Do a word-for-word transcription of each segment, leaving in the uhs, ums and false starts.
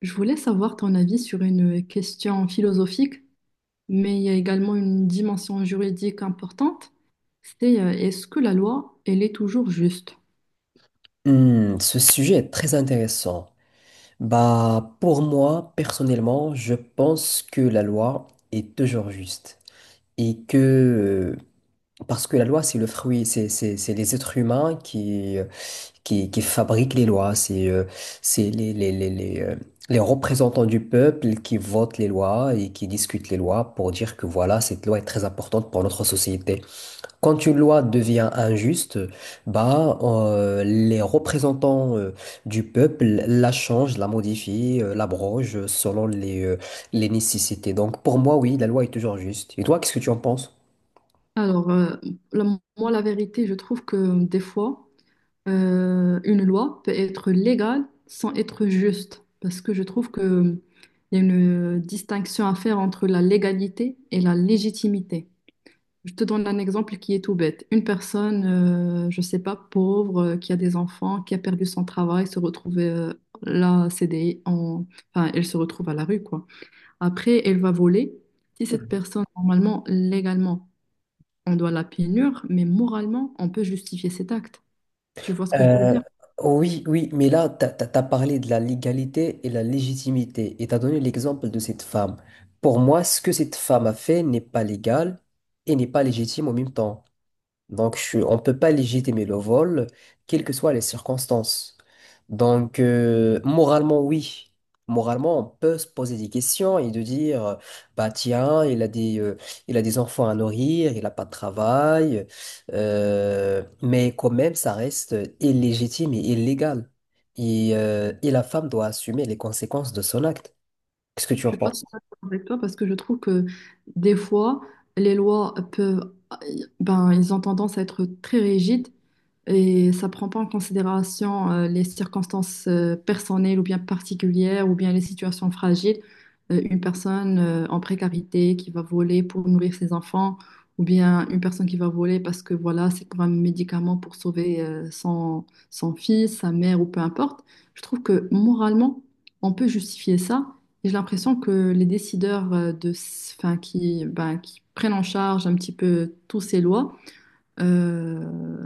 Je voulais savoir ton avis sur une question philosophique, mais il y a également une dimension juridique importante. C'est euh, est-ce que la loi, elle est toujours juste? Hmm, ce sujet est très intéressant. Bah, pour moi, personnellement, je pense que la loi est toujours juste. Et que, euh, parce que la loi, c'est le fruit, c'est, c'est, c'est les êtres humains qui, euh, qui, qui fabriquent les lois. C'est, euh, c'est les, les, les, les, euh, les représentants du peuple qui votent les lois et qui discutent les lois pour dire que voilà, cette loi est très importante pour notre société. Quand une loi devient injuste, bah, euh, les représentants euh, du peuple la changent, la modifient, euh, l'abrogent euh, selon les, euh, les nécessités. Donc pour moi, oui, la loi est toujours juste. Et toi, qu'est-ce que tu en penses? Alors, euh, la- Moi, la vérité, je trouve que des fois, euh, une loi peut être légale sans être juste, parce que je trouve que euh, il y a une distinction à faire entre la légalité et la légitimité. Je te donne un exemple qui est tout bête. Une personne, euh, je sais pas, pauvre, euh, qui a des enfants, qui a perdu son travail, se retrouve euh, là, C D I, en... enfin, elle se retrouve à la rue, quoi. Après, elle va voler. Si cette personne, normalement, légalement, on doit la punir, mais moralement, on peut justifier cet acte. Tu vois ce que je veux Euh, dire? oui, oui, mais là, tu as parlé de la légalité et la légitimité et tu as donné l'exemple de cette femme. Pour moi, ce que cette femme a fait n'est pas légal et n'est pas légitime en même temps. Donc, je suis- on ne peut pas légitimer le vol, quelles que soient les circonstances. Donc, euh, moralement, oui. Moralement, on peut se poser des questions et de dire, euh, bah tiens, il a des, euh, il a des enfants à nourrir, il n'a pas de travail, euh, mais quand même, ça reste illégitime et illégal. Et, euh, et la femme doit assumer les conséquences de son acte. Qu'est-ce que Je tu en suis pas trop penses? d'accord avec toi parce que je trouve que des fois, les lois peuvent, ben, ils ont tendance à être très rigides et ça prend pas en considération euh, les circonstances euh, personnelles ou bien particulières ou bien les situations fragiles. Euh, une personne euh, en précarité qui va voler pour nourrir ses enfants ou bien une personne qui va voler parce que voilà, c'est pour un médicament pour sauver euh, son, son fils, sa mère ou peu importe. Je trouve que moralement, on peut justifier ça. J'ai l'impression que les décideurs euh, de, s- enfin, qui, ben, qui prennent en charge un petit peu tous ces lois euh,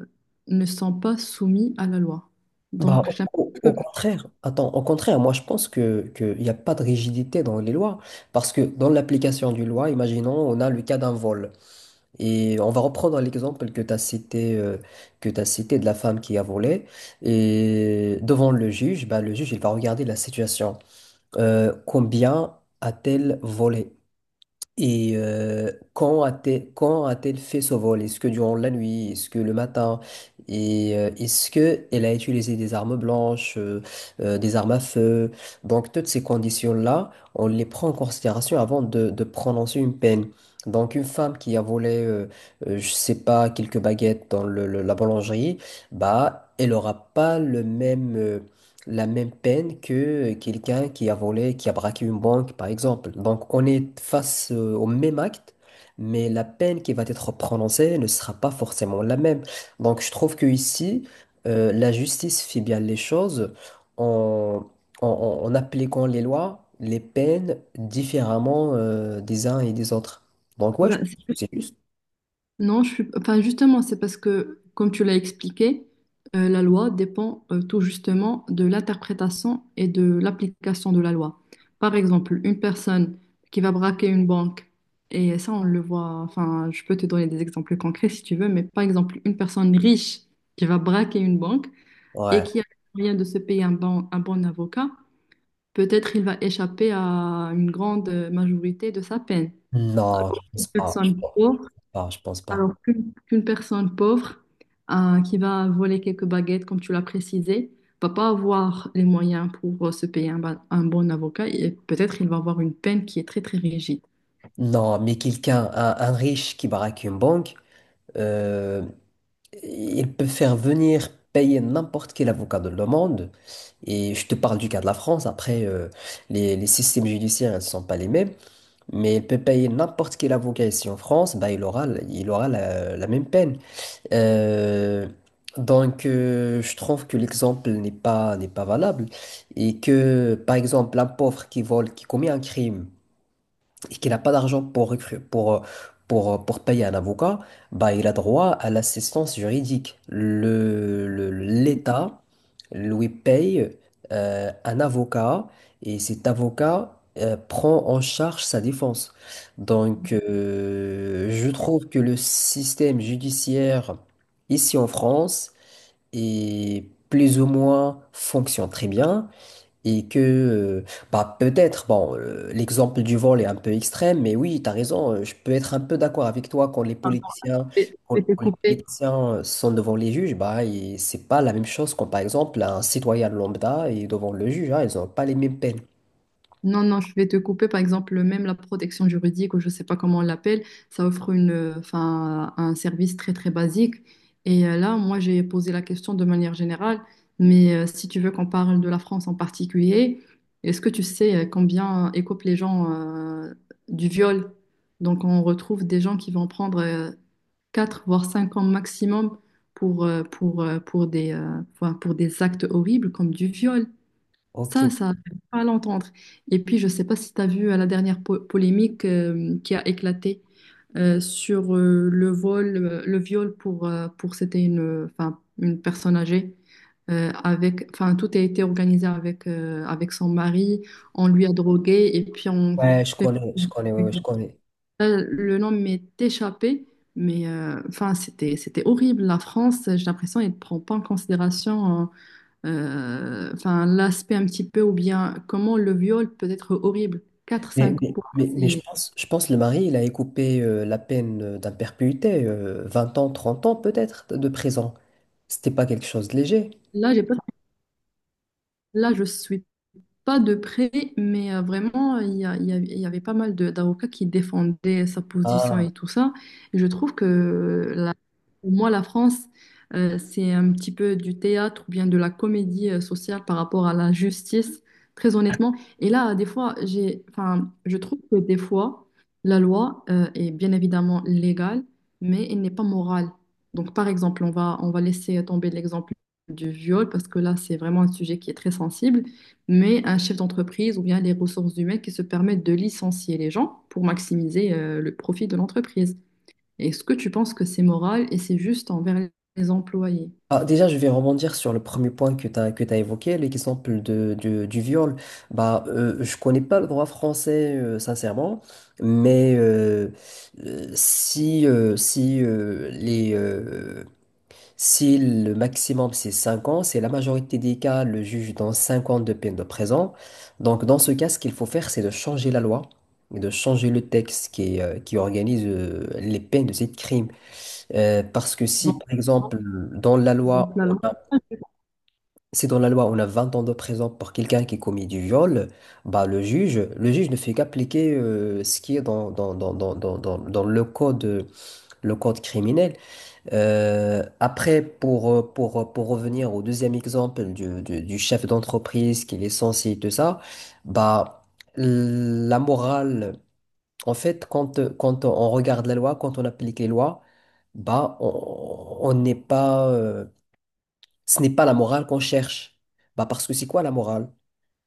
ne sont pas soumis à la loi. Bah, Donc, j'ai au, au- au l'impression que- contraire, attends, au contraire, moi je pense que qu'il n'y a pas de rigidité dans les lois, parce que dans l'application du loi, imaginons, on a le cas d'un vol, et on va reprendre l'exemple que tu as cité, euh, que tu cité de la femme qui a volé, et devant le juge, bah, le juge il va regarder la situation. Euh, combien a-t-elle volé? Et euh, quand a-t-elle, quand a-t-elle fait ce vol? Est-ce que durant la nuit? Est-ce que le matin? Et euh, est-ce que elle a utilisé des armes blanches, euh, euh, des armes à feu? Donc toutes ces conditions-là, on les prend en considération avant de, de prononcer une peine. Donc une femme qui a volé, euh, euh, je sais pas, quelques baguettes dans le- le- la boulangerie, bah elle aura pas le même euh, la même peine que quelqu'un qui a volé, qui a braqué une banque, par exemple. Donc, on est face euh, au même acte, mais la peine qui va être prononcée ne sera pas forcément la même. Donc, je trouve que ici, euh, la justice fait bien les choses en, en, en- en appliquant les lois, les peines différemment euh, des uns et des autres. Donc, ouais, je pense ben, que c'est juste. non, je suis... enfin, justement, c'est parce que, comme tu l'as expliqué, euh, la loi dépend euh, tout justement de l'interprétation et de l'application de la loi. Par exemple, une personne qui va braquer une banque, et ça, on le voit, enfin, je peux te donner des exemples concrets si tu veux, mais par exemple, une personne riche qui va braquer une banque et Ouais. qui a les moyens de se payer un bon, un bon avocat, peut-être il va échapper à une grande euh, majorité de sa peine. Non, je pense Une pas. Je personne pauvre pense pas, je pense pas. alors qu'une Qu'une personne pauvre euh, qui va voler quelques baguettes, comme tu l'as précisé, va pas avoir les moyens pour euh, se payer un, ba- un bon avocat et peut-être il va avoir une peine qui est très très rigide. Non, mais quelqu'un, un, un riche qui braque une banque. Euh, ils peuvent faire venir payer n'importe quel avocat de le monde. Et je te parle du cas de la France. Après, euh, les, les systèmes judiciaires ne sont pas les mêmes. Mais il peut payer n'importe quel avocat ici en France. Bah, il aura, il aura la, la même peine. Euh, donc, euh, je trouve que l'exemple n'est pas, n'est pas valable. Et que, par exemple, un pauvre qui vole, qui commet un crime, et qu'il n'a pas d'argent pour, recru- pour, pour, pour payer un avocat, bah, il a droit à l'assistance juridique. Le, le- l'État lui paye euh, un avocat et cet avocat euh, prend en charge sa défense. Donc, euh, je trouve que le système judiciaire ici en France est plus ou moins fonctionne très bien. Et que, euh, bah peut-être, bon, euh, l'exemple du vol est un peu extrême, mais oui, tu as raison, euh, je peux être un peu d'accord avec toi quand les politiciens, Je quand, je vais te quand les couper politiciens euh, sont devant les juges, bah, et c'est pas la même chose quand, par exemple, un citoyen lambda est devant le juge, hein, ils n'ont pas les mêmes peines. Non, non, je vais te couper. Par exemple, même la protection juridique, ou je ne sais pas comment on l'appelle, ça offre une, euh, enfin, un service très, très basique. Et euh, là, moi, j'ai posé la question de manière générale, mais euh, si tu veux qu'on parle de la France en particulier, est-ce que tu sais euh, combien euh, écopent les gens euh, du viol? Donc, on retrouve des gens qui vont prendre euh, quatre voire cinq ans maximum pour, euh, pour, euh, pour des, euh, enfin, pour des actes horribles comme du viol. Ok, Ça, ça fait pas à l'entendre. Et puis, je ne sais pas si tu as vu euh, la dernière po- polémique euh, qui a éclaté euh, sur euh, le vol, euh, le viol pour, euh, pour c'était une, euh, enfin, une personne âgée. euh, avec, enfin, tout a été organisé avec, euh, avec son mari. On lui a drogué et puis on ouais, je fait... connais, je connais, ouais, ouais, je connais. Euh, le nom m'est échappé, mais euh, enfin, c'était, c'était horrible. La France, j'ai l'impression, elle ne prend pas en considération. Euh, euh, enfin, l'aspect un petit peu, ou bien comment le viol peut être horrible. Quatre Mais, cinq ans, mais, pour moi, mais, mais je c'est... pense, je pense le mari, il a écopé euh, la peine euh, d'imperpétuité, euh, vingt ans, trente ans peut-être de prison. C'était pas quelque chose de léger. là, j'ai pas... là, je suis pas de près, mais euh, vraiment, il y a- il y a- il y avait pas mal de- d'avocats qui défendaient sa position Ah. et tout ça. Et je trouve que la- pour moi, la France, euh, c'est un petit peu du théâtre ou bien de la comédie euh, sociale par rapport à la justice, très honnêtement. Et là, des fois, j'ai, enfin, je trouve que des fois, la loi, euh, est bien évidemment légale, mais elle n'est pas morale. Donc, par exemple, on va, on va laisser tomber l'exemple du viol parce que là, c'est vraiment un sujet qui est très sensible mais un chef d'entreprise ou bien les ressources humaines qui se permettent de licencier les gens pour maximiser euh, le profit de l'entreprise. Est-ce que tu penses que c'est moral et c'est juste envers les employés? Ah, déjà, je vais rebondir sur le premier point que tu as, que tu évoqué, l'exemple de, du, du viol. Bah, euh, je connais pas le droit français, euh, sincèrement, mais euh, euh, si, euh, si, euh, les, euh, si le maximum c'est cinq ans, c'est la majorité des cas, le juge donne cinq ans de peine de prison. Donc, dans ce cas, ce qu'il faut faire, c'est de changer la loi, et de changer le texte qui, euh, qui organise euh, les peines de ces crimes. Euh, parce que si, Donc, par exemple, dans la donc loi, la loi. si dans la loi on a vingt ans de prison pour quelqu'un qui commet du viol, bah le juge, le juge ne fait qu'appliquer euh, ce qui est dans, dans, dans, dans, dans, dans- dans le code, le code criminel. Euh, après, pour, euh, pour, pour revenir au deuxième exemple du, du, du chef d'entreprise qui est censé et tout ça, bah la morale, en fait, quand, quand on regarde la loi, quand on applique les lois, bah on on n'est pas. Euh, ce n'est pas la morale qu'on cherche. Bah parce que c'est quoi la morale?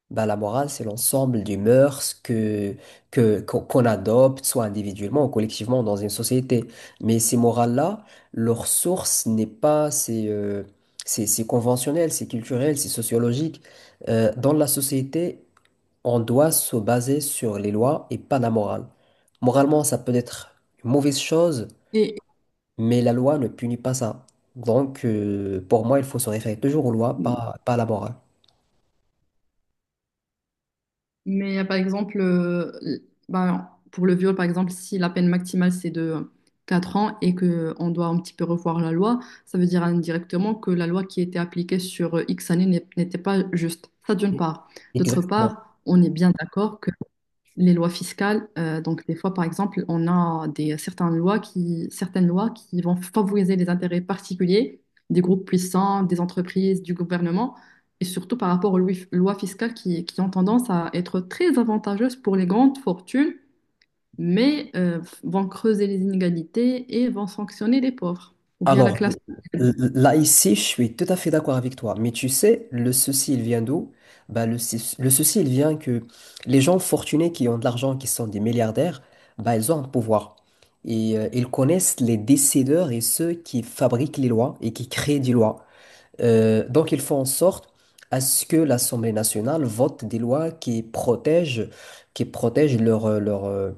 Bah la morale, c'est l'ensemble des mœurs que, que, qu'on qu'on adopte, soit individuellement ou collectivement dans une société. Mais ces morales-là, leur source n'est pas, c'est euh, c'est c'est conventionnel, c'est culturel, c'est sociologique. Euh, dans la société, on doit se baser sur les lois et pas la morale. Moralement, ça peut être une mauvaise chose, Et- mais la loi ne punit pas ça. Donc, euh, pour moi, il faut se référer toujours aux lois, pas, pas à la morale. mais euh, par exemple, euh, ben, pour le viol, par exemple, si la peine maximale c'est de quatre ans et que on doit un petit peu revoir la loi, ça veut dire indirectement que la loi qui était appliquée sur X années n'est- n'était pas juste. Ça d'une part. D'autre Exactement. part, on est bien d'accord les lois fiscales. Euh, donc, des fois, par exemple, on a des, certaines lois qui, certaines lois qui vont favoriser les intérêts particuliers des groupes puissants, des entreprises, du gouvernement, et surtout par rapport aux lois lois fiscales qui, qui ont tendance à être très avantageuses pour les grandes fortunes, mais euh, vont creuser les inégalités et vont sanctionner les pauvres, ou bien la Alors, classe. l- là, ici, je suis tout à fait d'accord avec toi. Mais tu sais, le souci, il vient d'où? Bah, le, sou- le souci, il vient que les gens fortunés qui ont de l'argent, qui sont des milliardaires, bah, ils ont un pouvoir. Et euh, ils connaissent les décideurs et ceux qui fabriquent les lois et qui créent des lois. Euh, donc, ils font en sorte à ce que l'Assemblée nationale vote des lois qui protègent, qui protègent leur, euh, leur, euh,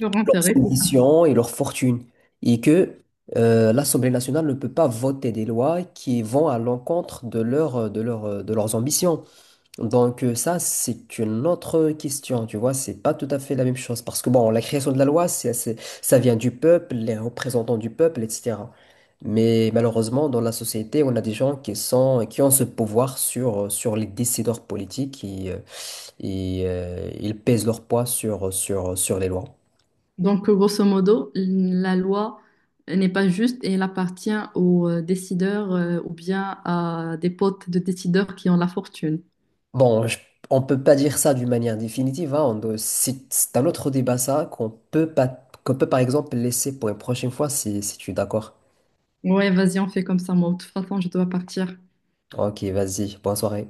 Leur leurs intérêt. ambitions et leur fortune. Et que euh, l'Assemblée nationale ne peut pas voter des lois qui vont à l'encontre de, leur, euh, de, leur, euh, de leurs ambitions. Donc euh, ça, c'est une autre question, tu vois, c'est pas tout à fait la même chose. Parce que bon, la création de la loi, c'est, c'est- ça vient du peuple, les représentants du peuple, et cetera. Mais malheureusement, dans la société, on a des gens qui sont, qui ont ce pouvoir sur, sur les décideurs politiques et, euh, et, euh, ils pèsent leur poids sur, sur, sur les lois. Donc, grosso modo, la loi n'est pas juste et elle appartient aux euh, décideurs euh, ou bien à des potes de décideurs qui ont la fortune. Bon, je- on peut pas dire ça d'une manière définitive, hein, on doit- c'est c'est un autre débat ça qu'on peut pas, qu'on peut par exemple laisser pour une prochaine fois si, si tu es d'accord. Ouais, vas-y, on fait comme ça, moi. De toute façon, je dois partir. Ok, vas-y. Bonne soirée.